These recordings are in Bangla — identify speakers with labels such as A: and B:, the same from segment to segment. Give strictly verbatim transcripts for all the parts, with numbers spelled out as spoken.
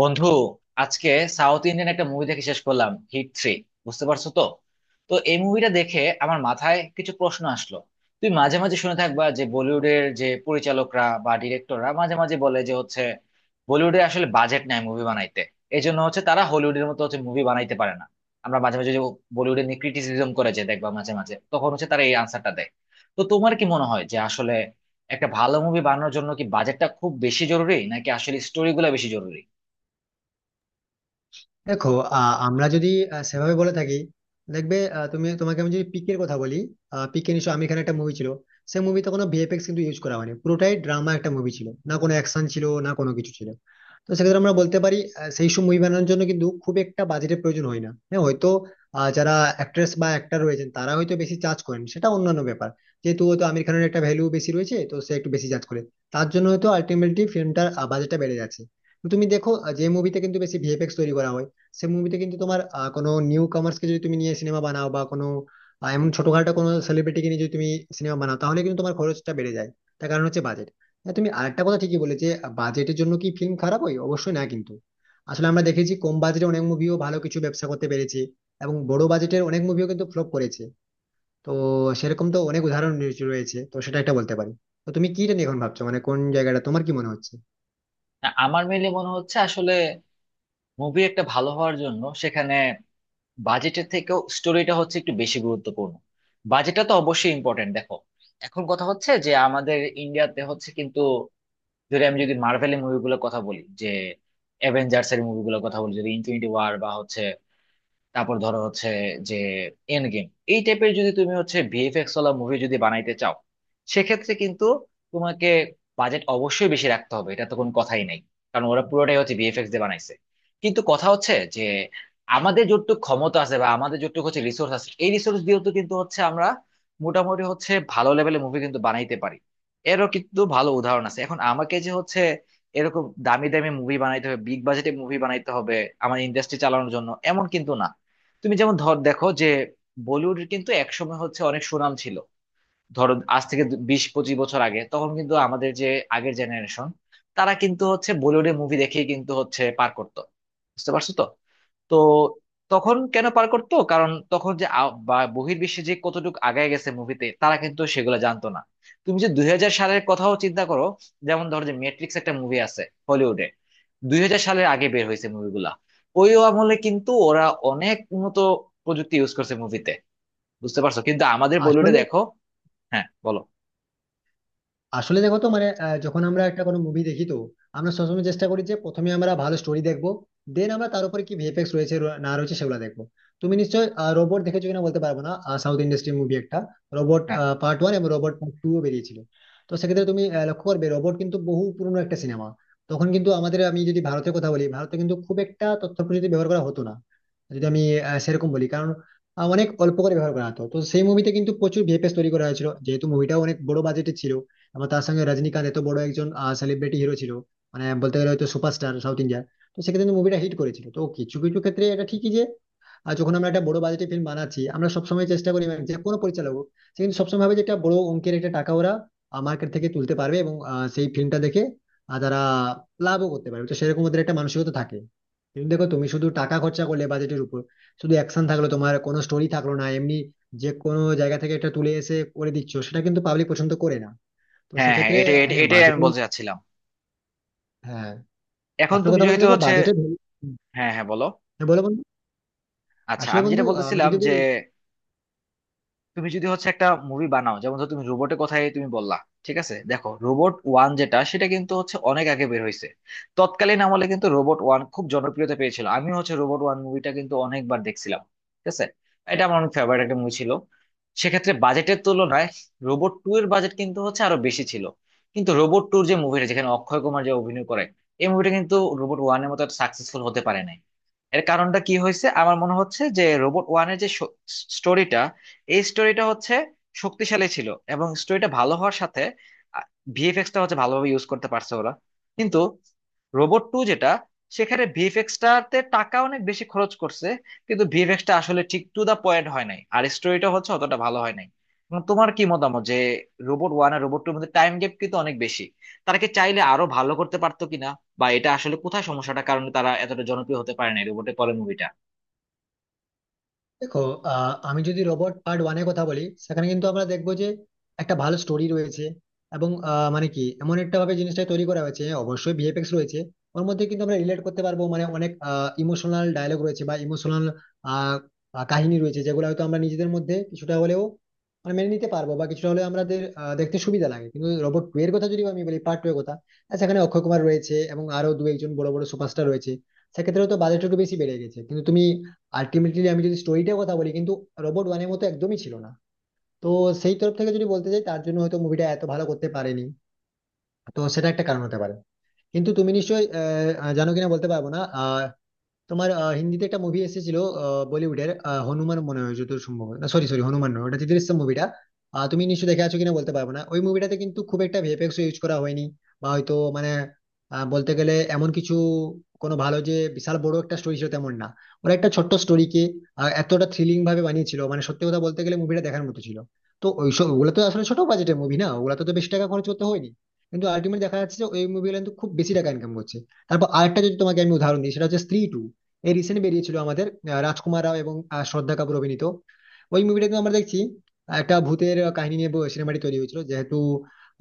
A: বন্ধু, আজকে সাউথ ইন্ডিয়ান একটা মুভি দেখে শেষ করলাম, হিট থ্রি। বুঝতে পারছো তো? তো এই মুভিটা দেখে আমার মাথায় কিছু প্রশ্ন আসলো। তুই মাঝে মাঝে শুনে থাকবা যে বলিউডের যে পরিচালকরা বা ডিরেক্টররা মাঝে মাঝে বলে যে হচ্ছে বলিউডে আসলে বাজেট নাই মুভি বানাইতে, এই জন্য হচ্ছে তারা হলিউডের মতো হচ্ছে মুভি বানাইতে পারে না। আমরা মাঝে মাঝে যে বলিউডে নিয়ে ক্রিটিসিজম করে যে দেখবা, মাঝে মাঝে তখন হচ্ছে তারা এই আনসারটা দেয়। তো তোমার কি মনে হয় যে আসলে একটা ভালো মুভি বানানোর জন্য কি বাজেটটা খুব বেশি জরুরি নাকি আসলে স্টোরি গুলা বেশি জরুরি?
B: দেখো। আহ, আমরা যদি আহ, সেভাবে বলে থাকি, দেখবে, আহ, তুমি তোমাকে আমি যদি পিকের কথা বলি, পিকে নিশ্চয় আমি এখানে একটা মুভি ছিল। সেই মুভিতে কোনো ভিএফএক্স কিন্তু ইউজ করা হয়নি, পুরোটাই ড্রামা একটা মুভি, ছিল না কোনো অ্যাকশন, ছিল না কোনো কিছু ছিল। তো সেক্ষেত্রে আমরা বলতে পারি আহ, সেই সব মুভি বানানোর জন্য কিন্তু খুব একটা বাজেটের প্রয়োজন হয় না। হ্যাঁ, হয়তো আহ, যারা অ্যাক্ট্রেস বা অ্যাক্টর রয়েছেন তারা হয়তো বেশি চার্জ করেন, সেটা অন্যান্য ব্যাপার। যেহেতু হয়তো আমির খানের একটা ভ্যালু বেশি রয়েছে, তো সে একটু বেশি চার্জ করে, তার জন্য হয়তো আলটিমেটলি ফিল্মটার বাজেটটা বেড়ে যাচ্ছে। তো তুমি দেখো, আহ, যে মুভিতে কিন্তু বেশি ভিএফএক্স তৈরি করা হয়, সে মুভিতে কিন্তু তোমার আহ, কোনো নিউ কামার্স কে যদি তুমি নিয়ে সিনেমা বানাও বা কোনো আহ, এমন ছোটখাটো কোনো সেলিব্রিটিকে নিয়ে যদি তুমি সিনেমা বানাও, তাহলে কিন্তু তোমার খরচটা বেড়ে যায়। তার কারণ হচ্ছে বাজেট। হ্যাঁ, তুমি আরেকটা কথা ঠিকই বলে, যে বাজেটের জন্য কি ফিল্ম খারাপ হয়? অবশ্যই না, কিন্তু আসলে আমরা দেখেছি কম বাজেটে অনেক মুভিও ভালো কিছু ব্যবসা করতে পেরেছে এবং বড় বাজেটের অনেক মুভিও কিন্তু ফ্লপ করেছে। তো সেরকম তো অনেক উদাহরণ রয়েছে রয়েছে, তো সেটা একটা বলতে পারি। তো তুমি কি নিয়ে এখন ভাবছো, মানে কোন জায়গাটা তোমার কি মনে হচ্ছে?
A: না, আমার মেইনলি মনে হচ্ছে আসলে মুভি একটা ভালো হওয়ার জন্য সেখানে বাজেটের থেকেও স্টোরিটা হচ্ছে একটু বেশি গুরুত্বপূর্ণ। বাজেটটা তো অবশ্যই ইম্পর্টেন্ট, দেখো এখন কথা হচ্ছে যে আমাদের ইন্ডিয়াতে হচ্ছে কিন্তু যদি আমি যদি মার্ভেলের মুভিগুলোর কথা বলি, যে অ্যাভেঞ্জার্স এর মুভিগুলোর কথা বলি, যদি ইনফিনিটি ওয়ার বা হচ্ছে তারপর ধরো হচ্ছে যে এন্ড গেম, এই টাইপের যদি তুমি হচ্ছে ভিএফএক্স ওয়ালা মুভি যদি বানাইতে চাও, সেক্ষেত্রে কিন্তু তোমাকে বাজেট অবশ্যই বেশি রাখতে হবে, এটা তো কোনো কথাই নাই। কারণ ওরা পুরোটাই হচ্ছে ভিএফএক্স দিয়ে বানাইছে। কিন্তু কথা হচ্ছে যে আমাদের যতটুকু ক্ষমতা আছে বা আমাদের যতটুকু হচ্ছে রিসোর্স আছে, এই রিসোর্স দিয়েও তো কিন্তু হচ্ছে আমরা মোটামুটি হচ্ছে ভালো লেভেলের মুভি কিন্তু বানাইতে পারি। এরও কিন্তু ভালো উদাহরণ আছে। এখন আমাকে যে হচ্ছে এরকম দামি দামি মুভি বানাইতে হবে, বিগ বাজেটে মুভি বানাইতে হবে আমার ইন্ডাস্ট্রি চালানোর জন্য, এমন কিন্তু না। তুমি যেমন ধর, দেখো যে বলিউডের কিন্তু একসময় হচ্ছে অনেক সুনাম ছিল। ধরো আজ থেকে দু- বিশ পঁচিশ বছর আগে তখন কিন্তু আমাদের যে আগের জেনারেশন, তারা কিন্তু হচ্ছে বলিউডের মুভি দেখেই কিন্তু হচ্ছে পার করতো। বুঝতে পারছো তো? তো তখন কেন পার করতো? কারণ তখন যে আ- বা বহির্বিশ্বে যে কতটুকু আগায় গেছে মুভিতে, তারা কিন্তু সেগুলো জানতো না। তুমি যে দুই হাজার সালের কথাও চিন্তা করো, যেমন ধরো যে মেট্রিক্স একটা মুভি আছে হলিউডে, দুই হাজার সালের আগে বের হয়েছে মুভিগুলা। ওই আমলে কিন্তু ওরা অনেক উন্নত প্রযুক্তি ইউজ করছে মুভিতে। বুঝতে পারছো? কিন্তু আমাদের বলিউডে
B: আসলে,
A: দেখো। হ্যাঁ, বলো।
B: আসলে দেখো তো, মানে আহ, যখন আমরা একটা কোনো মুভি দেখি, তো আমরা সবসময় চেষ্টা করি যে প্রথমে আমরা ভালো স্টোরি দেখবো, দেন আমরা তার উপরে কি ভিএফএক্স রয়েছে র- না রয়েছে সেগুলো দেখবো। তুমি নিশ্চয়ই রোবট দেখেছো কিনা বলতে পারবো না। সাউথ ইন্ডাস্ট্রির মুভি একটা রোবট
A: হ্যাঁ,
B: পার্ট ওয়ান এবং রোবট পার্ট টু বেরিয়েছিল। তো সেক্ষেত্রে তুমি আহ, লক্ষ্য করবে রোবট কিন্তু বহু পুরনো একটা সিনেমা। তখন কিন্তু আমাদের আমি যদি ভারতের কথা বলি, ভারতে কিন্তু খুব একটা তথ্য প্রযুক্তি ব্যবহার করা হতো না। যদি আমি আহ, সেরকম বলি, কারণ আহ, অনেক অল্প করে ব্যবহার করা হতো। তো সেই মুভিতে কিন্তু প্রচুর ভিএফএক্স তৈরি করা হয়েছিল, যেহেতু মুভিটাও অনেক বড় বাজেটে ছিল। আবার তার সঙ্গে রজনীকান্ত এত বড় একজন সেলিব্রিটি হিরো ছিল, মানে বলতে গেলে হয়তো সুপারস্টার সাউথ ইন্ডিয়ার। তো সেক্ষেত্রে কিন্তু মুভিটা হিট করেছিল। তো কিছু কিছু ক্ষেত্রে এটা ঠিকই যে আহ, যখন আমরা একটা বড় বাজেটের ফিল্ম বানাচ্ছি, আমরা সবসময় চেষ্টা করি, মানে যে কোনো পরিচালক হোক, সে কিন্তু সবসময় ভাবে যে একটা বড় অঙ্কের একটা টাকা ওরা মার্কেট থেকে তুলতে পারবে এবং আহ, সেই ফিল্মটা দেখে আহ, তারা লাভও করতে পারবে, তো সেরকম ওদের একটা মানসিকতা থাকে। কিন্তু দেখো, তুমি শুধু টাকা খরচা করলে বাজেটের উপর, শুধু অ্যাকশন থাকলো, তোমার কোনো স্টোরি থাকলো না, এমনি যে কোনো জায়গা থেকে একটা তুলে এসে করে দিচ্ছ, সেটা কিন্তু পাবলিক পছন্দ করে না। তো
A: হ্যাঁ, হ্যাঁ,
B: সেক্ষেত্রে
A: এটা এটা-
B: হ্যাঁ,
A: এটাই
B: বাজেট।
A: আমি বলতে চাচ্ছিলাম।
B: হ্যাঁ,
A: এখন
B: আসল
A: তুমি
B: কথা বলতে,
A: যেহেতু
B: দেখো
A: হচ্ছে,
B: বাজেটের।
A: হ্যাঁ, হ্যাঁ, বলো।
B: হ্যাঁ বলো বন্ধু।
A: আচ্ছা,
B: আসলে
A: আমি
B: বন্ধু,
A: যেটা
B: আমি
A: বলতেছিলাম
B: যদি
A: যে
B: বলি,
A: তুমি যদি হচ্ছে একটা মুভি বানাও, যেমন ধর তুমি রোবটের কথাই তুমি বললা। ঠিক আছে, দেখো রোবট ওয়ান যেটা, সেটা কিন্তু হচ্ছে অনেক আগে বের হয়েছে। তৎকালীন আমলে কিন্তু রোবট ওয়ান খুব জনপ্রিয়তা পেয়েছিল। আমি হচ্ছে রোবট ওয়ান মুভিটা কিন্তু অনেকবার দেখছিলাম। ঠিক আছে, এটা আমার অনেক ফেভারিট একটা মুভি ছিল। সেক্ষেত্রে বাজেটের তুলনায় রোবট টু এর বাজেট কিন্তু হচ্ছে আরো বেশি ছিল। কিন্তু রোবট টুর যে মুভিটা, যেখানে অক্ষয় কুমার যে অভিনয় করে, এই মুভিটা কিন্তু রোবট ওয়ানের মতো সাকসেসফুল হতে পারে নাই। এর কারণটা কি হয়েছে? আমার মনে হচ্ছে যে রোবট ওয়ানের যে স্টোরিটা, এই স্টোরিটা হচ্ছে শক্তিশালী ছিল, এবং স্টোরিটা ভালো হওয়ার সাথে ভিএফএক্সটা হচ্ছে ভালোভাবে ইউজ করতে পারছে ওরা। কিন্তু রোবট টু যেটা, সেখানে ভিএফএক্সটাতে টাকা অনেক বেশি খরচ করছে, কিন্তু ভিএফএক্সটা আসলে ঠিক টু দা পয়েন্ট হয় নাই, আর স্টোরিটা হচ্ছে অতটা ভালো হয় নাই। এখন তোমার কি মতামত যে রোবট ওয়ান আর রোবট টুর মধ্যে টাইম গ্যাপ কিন্তু অনেক বেশি, তারা কি চাইলে আরো ভালো করতে পারতো কিনা, বা এটা আসলে কোথায় সমস্যাটা, কারণে তারা এতটা জনপ্রিয় হতে পারে না রোবটের পরের মুভিটা?
B: দেখো আহ, আমি যদি রোবট পার্ট ওয়ানের কথা বলি, সেখানে কিন্তু আমরা দেখবো যে একটা ভালো স্টোরি রয়েছে এবং আহ, মানে কি এমন একটা ভাবে জিনিসটা তৈরি করা হয়েছে, অবশ্যই ভিএফএক্স রয়েছে ওর মধ্যে, কিন্তু আমরা রিলেট করতে পারবো, মানে অনেক ইমোশনাল ডায়লগ রয়েছে বা ইমোশনাল কাহিনী রয়েছে যেগুলো হয়তো আমরা নিজেদের মধ্যে কিছুটা হলেও মানে মেনে নিতে পারবো বা কিছুটা হলেও আমাদের আহ, দেখতে সুবিধা লাগে। কিন্তু রোবট টু এর কথা যদি আমি বলি, পার্ট টু এর কথা, আহ, সেখানে অক্ষয় কুমার রয়েছে এবং আরো দু একজন বড় বড় সুপারস্টার রয়েছে। সেক্ষেত্রে তো বাজেট একটু বেশি বেড়ে গেছে, কিন্তু তুমি আলটিমেটলি আমি যদি স্টোরিটার কথা বলি, কিন্তু রোবট ওয়ানের মতো একদমই ছিল না। তো সেই তরফ থেকে যদি বলতে চাই, তার জন্য হয়তো মুভিটা এত ভালো করতে পারেনি। তো সেটা একটা কারণ হতে পারে। কিন্তু তুমি নিশ্চয়ই আহ, আহ, জানো কিনা বলতে পারবো না, তোমার আহ, হিন্দিতে একটা মুভি এসেছিল, আহ, বলিউডের আহ, হনুমান মনে হয় যত সম্ভব। না, সরি সরি হনুমান নয়, ওটা চিত্রিশ মুভিটা। তুমি নিশ্চয়ই দেখে আছো কিনা বলতে পারবো না। ওই মুভিটাতে কিন্তু খুব একটা ভিএফএক্স ইউজ করা হয়নি, বা হয়তো মানে আহ, বলতে গেলে এমন কিছু কোনো ভালো যে বিশাল বড় একটা স্টোরি ছিল তেমন না। ওরা একটা ছোট্ট স্টোরিকে এতটা থ্রিলিং ভাবে বানিয়েছিল, মানে সত্যি কথা বলতে গেলে মুভিটা দেখার মতো ছিল। তো ওইসব ওগুলো তো আসলে ছোট বাজেটের মুভি, না ওগুলো তো তো বেশি টাকা খরচ করতে হয়নি, কিন্তু আলটিমেটলি দেখা যাচ্ছে যে ওই মুভিগুলো কিন্তু খুব বেশি টাকা ইনকাম করছে। তারপর আরেকটা যদি তোমাকে আমি উদাহরণ দিই, সেটা হচ্ছে স্ত্রী টু। এই রিসেন্ট বেরিয়েছিল আমাদের আহ, রাজকুমার রাও এবং আহ, শ্রদ্ধা কাপুর অভিনীত। ওই মুভিটা কিন্তু আমরা দেখছি আহ, একটা ভূতের কাহিনী নিয়ে সিনেমাটি তৈরি হয়েছিল। যেহেতু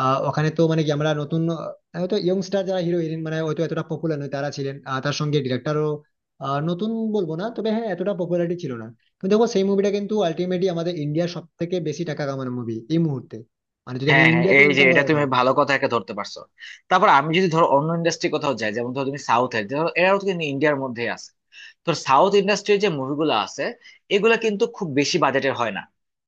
B: আহ, ওখানে তো মানে কি আমরা নতুন আহ, হয়তো ইয়ংস্টার যারা হিরো হিরোইন, মানে হয়তো এতটা পপুলার নয় তারা ছিলেন, আর তার সঙ্গে ডিরেক্টরও নতুন বলবো না, তবে হ্যাঁ এতটা পপুলারিটি ছিল না। কিন্তু দেখো, সেই মুভিটা কিন্তু আলটিমেটলি আমাদের ইন্ডিয়ার সব থেকে বেশি টাকা কামানো মুভি এই মুহূর্তে, মানে যদি আমি
A: হ্যাঁ, হ্যাঁ,
B: ইন্ডিয়াতে
A: এই যে
B: ইনকাম
A: এটা
B: করার কথা
A: তুমি
B: বলি।
A: ভালো কথা একটা ধরতে পারছো। তারপর আমি যদি ধরো অন্য ইন্ডাস্ট্রি কোথাও যাই, যেমন ধরো তুমি সাউথে, ধরো এরাও কিন্তু ইন্ডিয়ার মধ্যে আছে। তো সাউথ ইন্ডাস্ট্রির যে মুভিগুলো আছে, এগুলা কিন্তু খুব বেশি বাজেটের হয় না।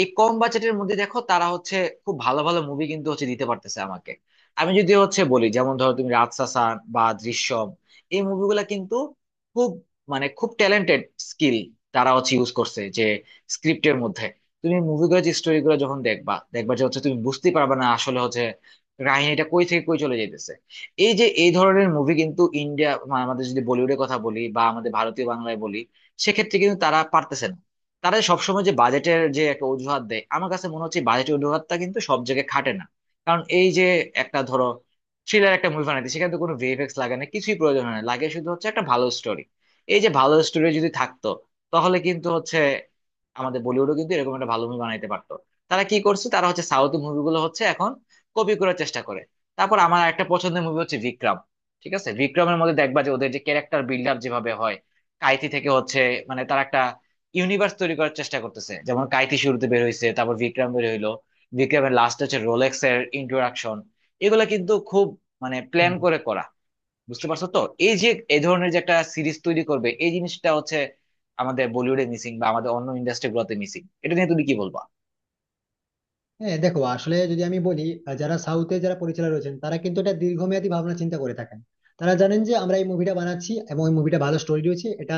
A: এই কম বাজেটের মধ্যে দেখো তারা হচ্ছে খুব ভালো ভালো মুভি কিন্তু হচ্ছে দিতে পারতেছে আমাকে। আমি যদি হচ্ছে বলি, যেমন ধরো তুমি রাজশাসন বা দৃশ্যম, এই মুভিগুলা কিন্তু খুব, মানে খুব ট্যালেন্টেড স্কিল তারা হচ্ছে ইউজ করছে যে স্ক্রিপ্টের মধ্যে। তুমি মুভিগুলো যে স্টোরি গুলো যখন দেখবা, দেখবা যে হচ্ছে তুমি বুঝতে পারবে না আসলে হচ্ছে কাহিনীটা কই থেকে কই চলে যাইতেছে। এই যে এই ধরনের মুভি কিন্তু ইন্ডিয়া, মানে আমাদের যদি বলিউডের কথা বলি বা আমাদের ভারতীয় বাংলায় বলি, সেক্ষেত্রে কিন্তু তারা পারতেছে না। তারা সবসময় যে বাজেটের যে একটা অজুহাত দেয়, আমার কাছে মনে হচ্ছে বাজেটের অজুহাতটা কিন্তু সব জায়গায় খাটে না। কারণ এই যে একটা ধরো থ্রিলার একটা মুভি বানাইতে, সেখানে তো কোনো ভিএফএক্স লাগে না, কিছুই প্রয়োজন হয় না, লাগে শুধু হচ্ছে একটা ভালো স্টোরি। এই যে ভালো স্টোরি যদি থাকতো, তাহলে কিন্তু হচ্ছে আমাদের বলিউডও কিন্তু এরকম একটা ভালো মুভি বানাইতে পারতো। তারা কি করছে? তারা হচ্ছে সাউথ মুভিগুলো হচ্ছে এখন কপি করার চেষ্টা করে। তারপর আমার একটা পছন্দের মুভি হচ্ছে বিক্রম। ঠিক আছে, বিক্রমের মধ্যে দেখবা যে ওদের যে ক্যারেক্টার বিল্ড আপ যেভাবে হয়, কাইতি থেকে হচ্ছে, মানে তারা একটা ইউনিভার্স তৈরি করার চেষ্টা করতেছে। যেমন কাইতি শুরুতে বের হয়েছে, তারপর বিক্রম বের হইলো, বিক্রমের লাস্ট হচ্ছে রোলেক্স এর ইন্ট্রোডাকশন। এগুলো কিন্তু খুব, মানে প্ল্যান করে করা। বুঝতে পারছো তো? এই যে এই ধরনের যে একটা সিরিজ তৈরি করবে, এই জিনিসটা হচ্ছে আমাদের বলিউডে মিসিং বা আমাদের অন্য ইন্ডাস্ট্রি গুলোতে মিসিং, এটা নিয়ে তুমি কি বলবো?
B: হ্যাঁ দেখো, আসলে যদি আমি বলি, আহ, যারা সাউথে যারা পরিচালক রয়েছেন তারা কিন্তু একটা দীর্ঘমেয়াদী ভাবনা চিন্তা করে থাকেন। তারা জানেন যে আমরা এই মুভিটা বানাচ্ছি এবং এই মুভিটা ভালো স্টোরি রয়েছে, এটা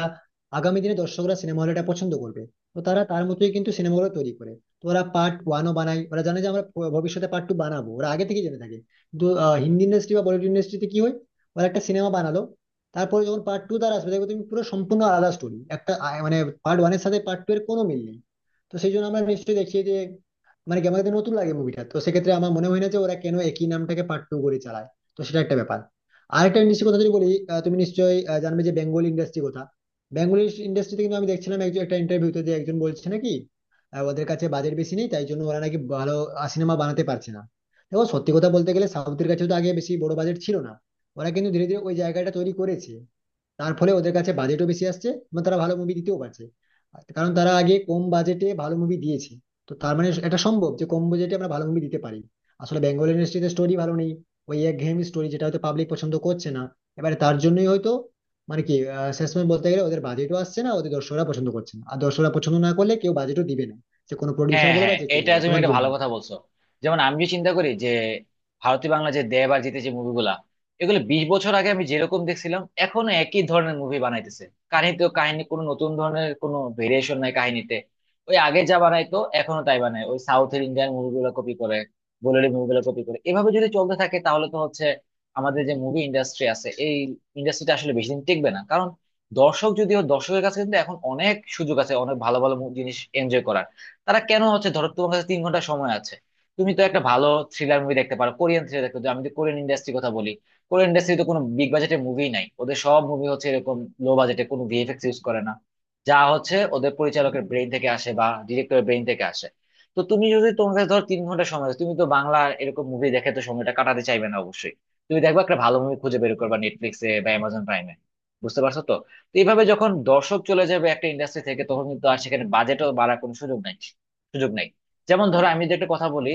B: আগামী দিনে দর্শকরা সিনেমা হলে এটা পছন্দ করবে। তো তারা তার মতোই কিন্তু সিনেমাগুলো তৈরি করে। তো ওরা পার্ট ওয়ানও বানায়, ওরা জানে যে আমরা ভ- ভবিষ্যতে পার্ট টু বানাবো, ওরা আগে থেকে জেনে থাকে। কিন্তু আহ, হিন্দি ইন্ডাস্ট্রি বা বলিউড ইন্ডাস্ট্রিতে কি হয়, ওরা একটা সিনেমা বানালো, তারপরে যখন পার্ট টু তারা আসবে, দেখবে তুমি পুরো সম্পূর্ণ আলাদা স্টোরি একটা আহ, মানে, পার্ট ওয়ানের সাথে পার্ট টু এর কোনো মিল নেই। তো সেই জন্য আমরা নিশ্চয়ই দেখি যে মানে কি আমাকে তো নতুন লাগে মুভিটা। তো সেক্ষেত্রে আমার মনে হয় না যে ওরা কেন একই নামটাকে পার্ট টু করে চালায়। তো সেটা একটা ব্যাপার। আরেকটা নিশ্চয় কথা যদি বলি, আহ, তুমি নিশ্চয়ই আহ, জানবে যে বেঙ্গল ইন্ডাস্ট্রি কথা। বেঙ্গল ইন্ডাস্ট্রিতে কিন্তু আমি দেখছিলাম একজন একটা ইন্টারভিউতে যে একজন বলছে নাকি আহ, ওদের কাছে বাজেট বেশি নেই, তাই জন্য ওরা নাকি ভালো সিনেমা বানাতে পারছে না। দেখো, সত্যি কথা বলতে গেলে সাউথের কাছেও তো আগে বেশি বড় বাজেট ছিল না। ওরা কিন্তু ধীরে ধীরে ওই জায়গাটা তৈরি করেছে। তার ফলে ওদের কাছে বাজেটও বেশি আসছে এবং তারা ভালো মুভি দিতেও পারছে, আর কারণ তারা আগে কম বাজেটে ভালো মুভি দিয়েছে। তো তার মানে এটা সম্ভব যে কম বাজেটে আমরা ভালো মুভি দিতে পারি। আসলে বেঙ্গল ইন্ডাস্ট্রিতে স্টোরি ভালো নেই, ওই একঘেয়েমি স্টোরি যেটা হয়তো পাবলিক পছন্দ করছে না। এবারে তার জন্যই হয়তো মানে কি আহ, শেষমেশ বলতে গেলে ওদের বাজেটও আসছে না, ওদের দর্শকরা পছন্দ করছে না, আর দর্শকরা পছন্দ না করলে কেউ বাজেটও দিবে না, যে কোনো প্রডিউসার
A: হ্যাঁ,
B: বলো বা
A: হ্যাঁ,
B: যে কেউ
A: এটা
B: বলো।
A: তুমি
B: তোমার
A: একটা
B: কি
A: ভালো কথা বলছো। যেমন আমি যে চিন্তা করি যে ভারতীয় বাংলা যে দেব আর জিতে যে মুভিগুলা, এগুলো বিশ বছর আগে আমি যেরকম দেখছিলাম, এখনো একই ধরনের মুভি বানাইতেছে। কাহিনীতেও কাহিনী কোনো নতুন ধরনের কোনো ভেরিয়েশন নাই কাহিনীতে। ওই আগে যা বানাইতো এখনো তাই বানায়, ওই সাউথের ইন্ডিয়ান মুভিগুলো কপি করে, বলিউড মুভিগুলো কপি করে। এভাবে যদি চলতে থাকে তাহলে তো হচ্ছে আমাদের যে মুভি ইন্ডাস্ট্রি আছে, এই ইন্ডাস্ট্রিটা আসলে বেশি দিন টিকবে না। কারণ দর্শক, যদিও দর্শকের কাছে কিন্তু এখন অনেক সুযোগ আছে অনেক ভালো ভালো মু- জিনিস এনজয় করার। তারা কেন হচ্ছে, ধরো তোমার কাছে তিন ঘন্টা সময় আছে, তুমি তো একটা ভালো থ্রিলার মুভি দেখতে পারো, কোরিয়ান থ্রিলার দেখতে পারো। আমি তো কোরিয়ান ইন্ডাস্ট্রির কথা বলি, কোরিয়ান ইন্ডাস্ট্রি তো কোনো বিগ বাজেটের মুভি নাই, ওদের সব মুভি হচ্ছে এরকম লো বাজেটে, কোনো ভিএফএক্স ইউজ করে না, যা হচ্ছে ওদের পরিচালকের ব্রেইন থেকে আসে বা ডিরেক্টরের ব্রেইন থেকে আসে। তো তুমি যদি, তোমার কাছে ধরো তিন ঘন্টা সময় আছে, তুমি তো বাংলা এরকম মুভি দেখে তো সময়টা কাটাতে চাইবে না অবশ্যই। তুমি দেখবা একটা ভালো মুভি খুঁজে বের করবা নেটফ্লিক্সে বা অ্যামাজন প্রাইমে। বুঝতে পারছো তো? তো এইভাবে যখন দর্শক চলে যাবে একটা ইন্ডাস্ট্রি থেকে, তখন কিন্তু আর সেখানে বাজেটও বাড়ার কোনো সুযোগ নাই, সুযোগ নেই। যেমন ধরো আমি যদি একটা কথা বলি,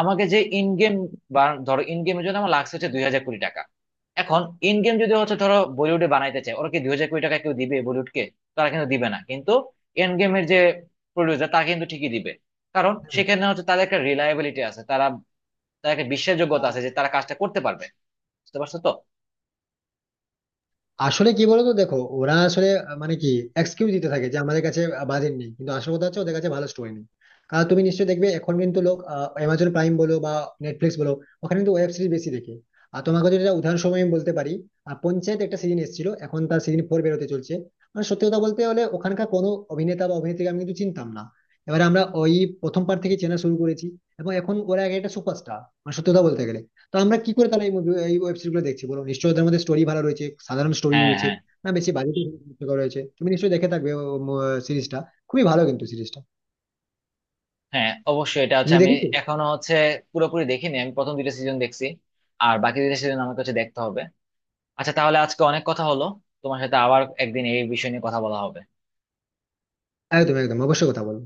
A: আমাকে যে ইন গেম, বা ধরো ইন গেমের জন্য আমার লাগছে হচ্ছে দুই হাজার কোটি টাকা, এখন ইন গেম যদি হচ্ছে ধরো বলিউডে বানাইতে চায়, ওরা কি দুই হাজার কোটি টাকা কেউ দিবে বলিউডকে? তারা কিন্তু দিবে না। কিন্তু এন্ড গেমের যে প্রডিউসার, তারা কিন্তু ঠিকই দিবে। কারণ
B: মনে হয়?
A: সেখানে হচ্ছে তাদের একটা রিলায়েবিলিটি আছে, তারা তাদের একটা বিশ্বাসযোগ্যতা
B: আহ
A: আছে যে তারা কাজটা করতে পারবে। বুঝতে পারছো তো?
B: আসলে কি বলতো, দেখো ওরা আসলে আহ, মানে কি এক্সকিউজ দিতে থাকে যে আমাদের কাছে বাজেট নেই, কিন্তু আসল কথা হচ্ছে ওদের কাছে ভালো স্টোরি নেই। কারণ তুমি নিশ্চয়ই দেখবে এখন কিন্তু লোক অ্যামাজন প্রাইম বলো বা নেটফ্লিক্স বলো, ওখানে কিন্তু ওয়েব সিরিজ বেশি দেখে। আর তোমাকে যদি একটা উদাহরণস্বরূপ আমি বলতে পারি, আহ, পঞ্চায়েত একটা সিজন এসেছিল, এখন তার সিজন ফোর বেরোতে চলছে। মানে সত্যি কথা বলতে হলে ওখানকার কোনো অভিনেতা বা অভিনেত্রীকে আমি কিন্তু চিনতাম না। এবারে আমরা ওই প্রথম পার্ট থেকে চেনা শুরু করেছি, এবং এখন ওরা এক একটা সুপারস্টার, মানে সত্যি কথা বলতে গেলে। তো আমরা কি করে তাহলে এই মুভি, এই ওয়েব সিরিজ গুলো দেখছি বলো? নিশ্চয়ই ওদের মধ্যে স্টোরি ভালো রয়েছে, সাধারণ স্টোরি
A: হ্যাঁ,
B: রয়েছে,
A: হ্যাঁ,
B: না বেশি বাজেট রয়েছে। তুমি নিশ্চয়ই দেখে থাকবে সিরিজটা, খুবই ভালো কিন্তু সিরিজটা।
A: হ্যাঁ, অবশ্যই। এটা হচ্ছে
B: তুমি
A: আমি
B: দেখেছো?
A: এখনো হচ্ছে পুরোপুরি দেখিনি, আমি প্রথম দুইটা সিজন দেখছি, আর বাকি দুইটা সিজন আমাকে হচ্ছে দেখতে হবে। আচ্ছা, তাহলে আজকে অনেক কথা হলো, তোমার সাথে আবার একদিন এই বিষয় নিয়ে কথা বলা হবে।
B: একদম একদম, অবশ্যই কথা বলো।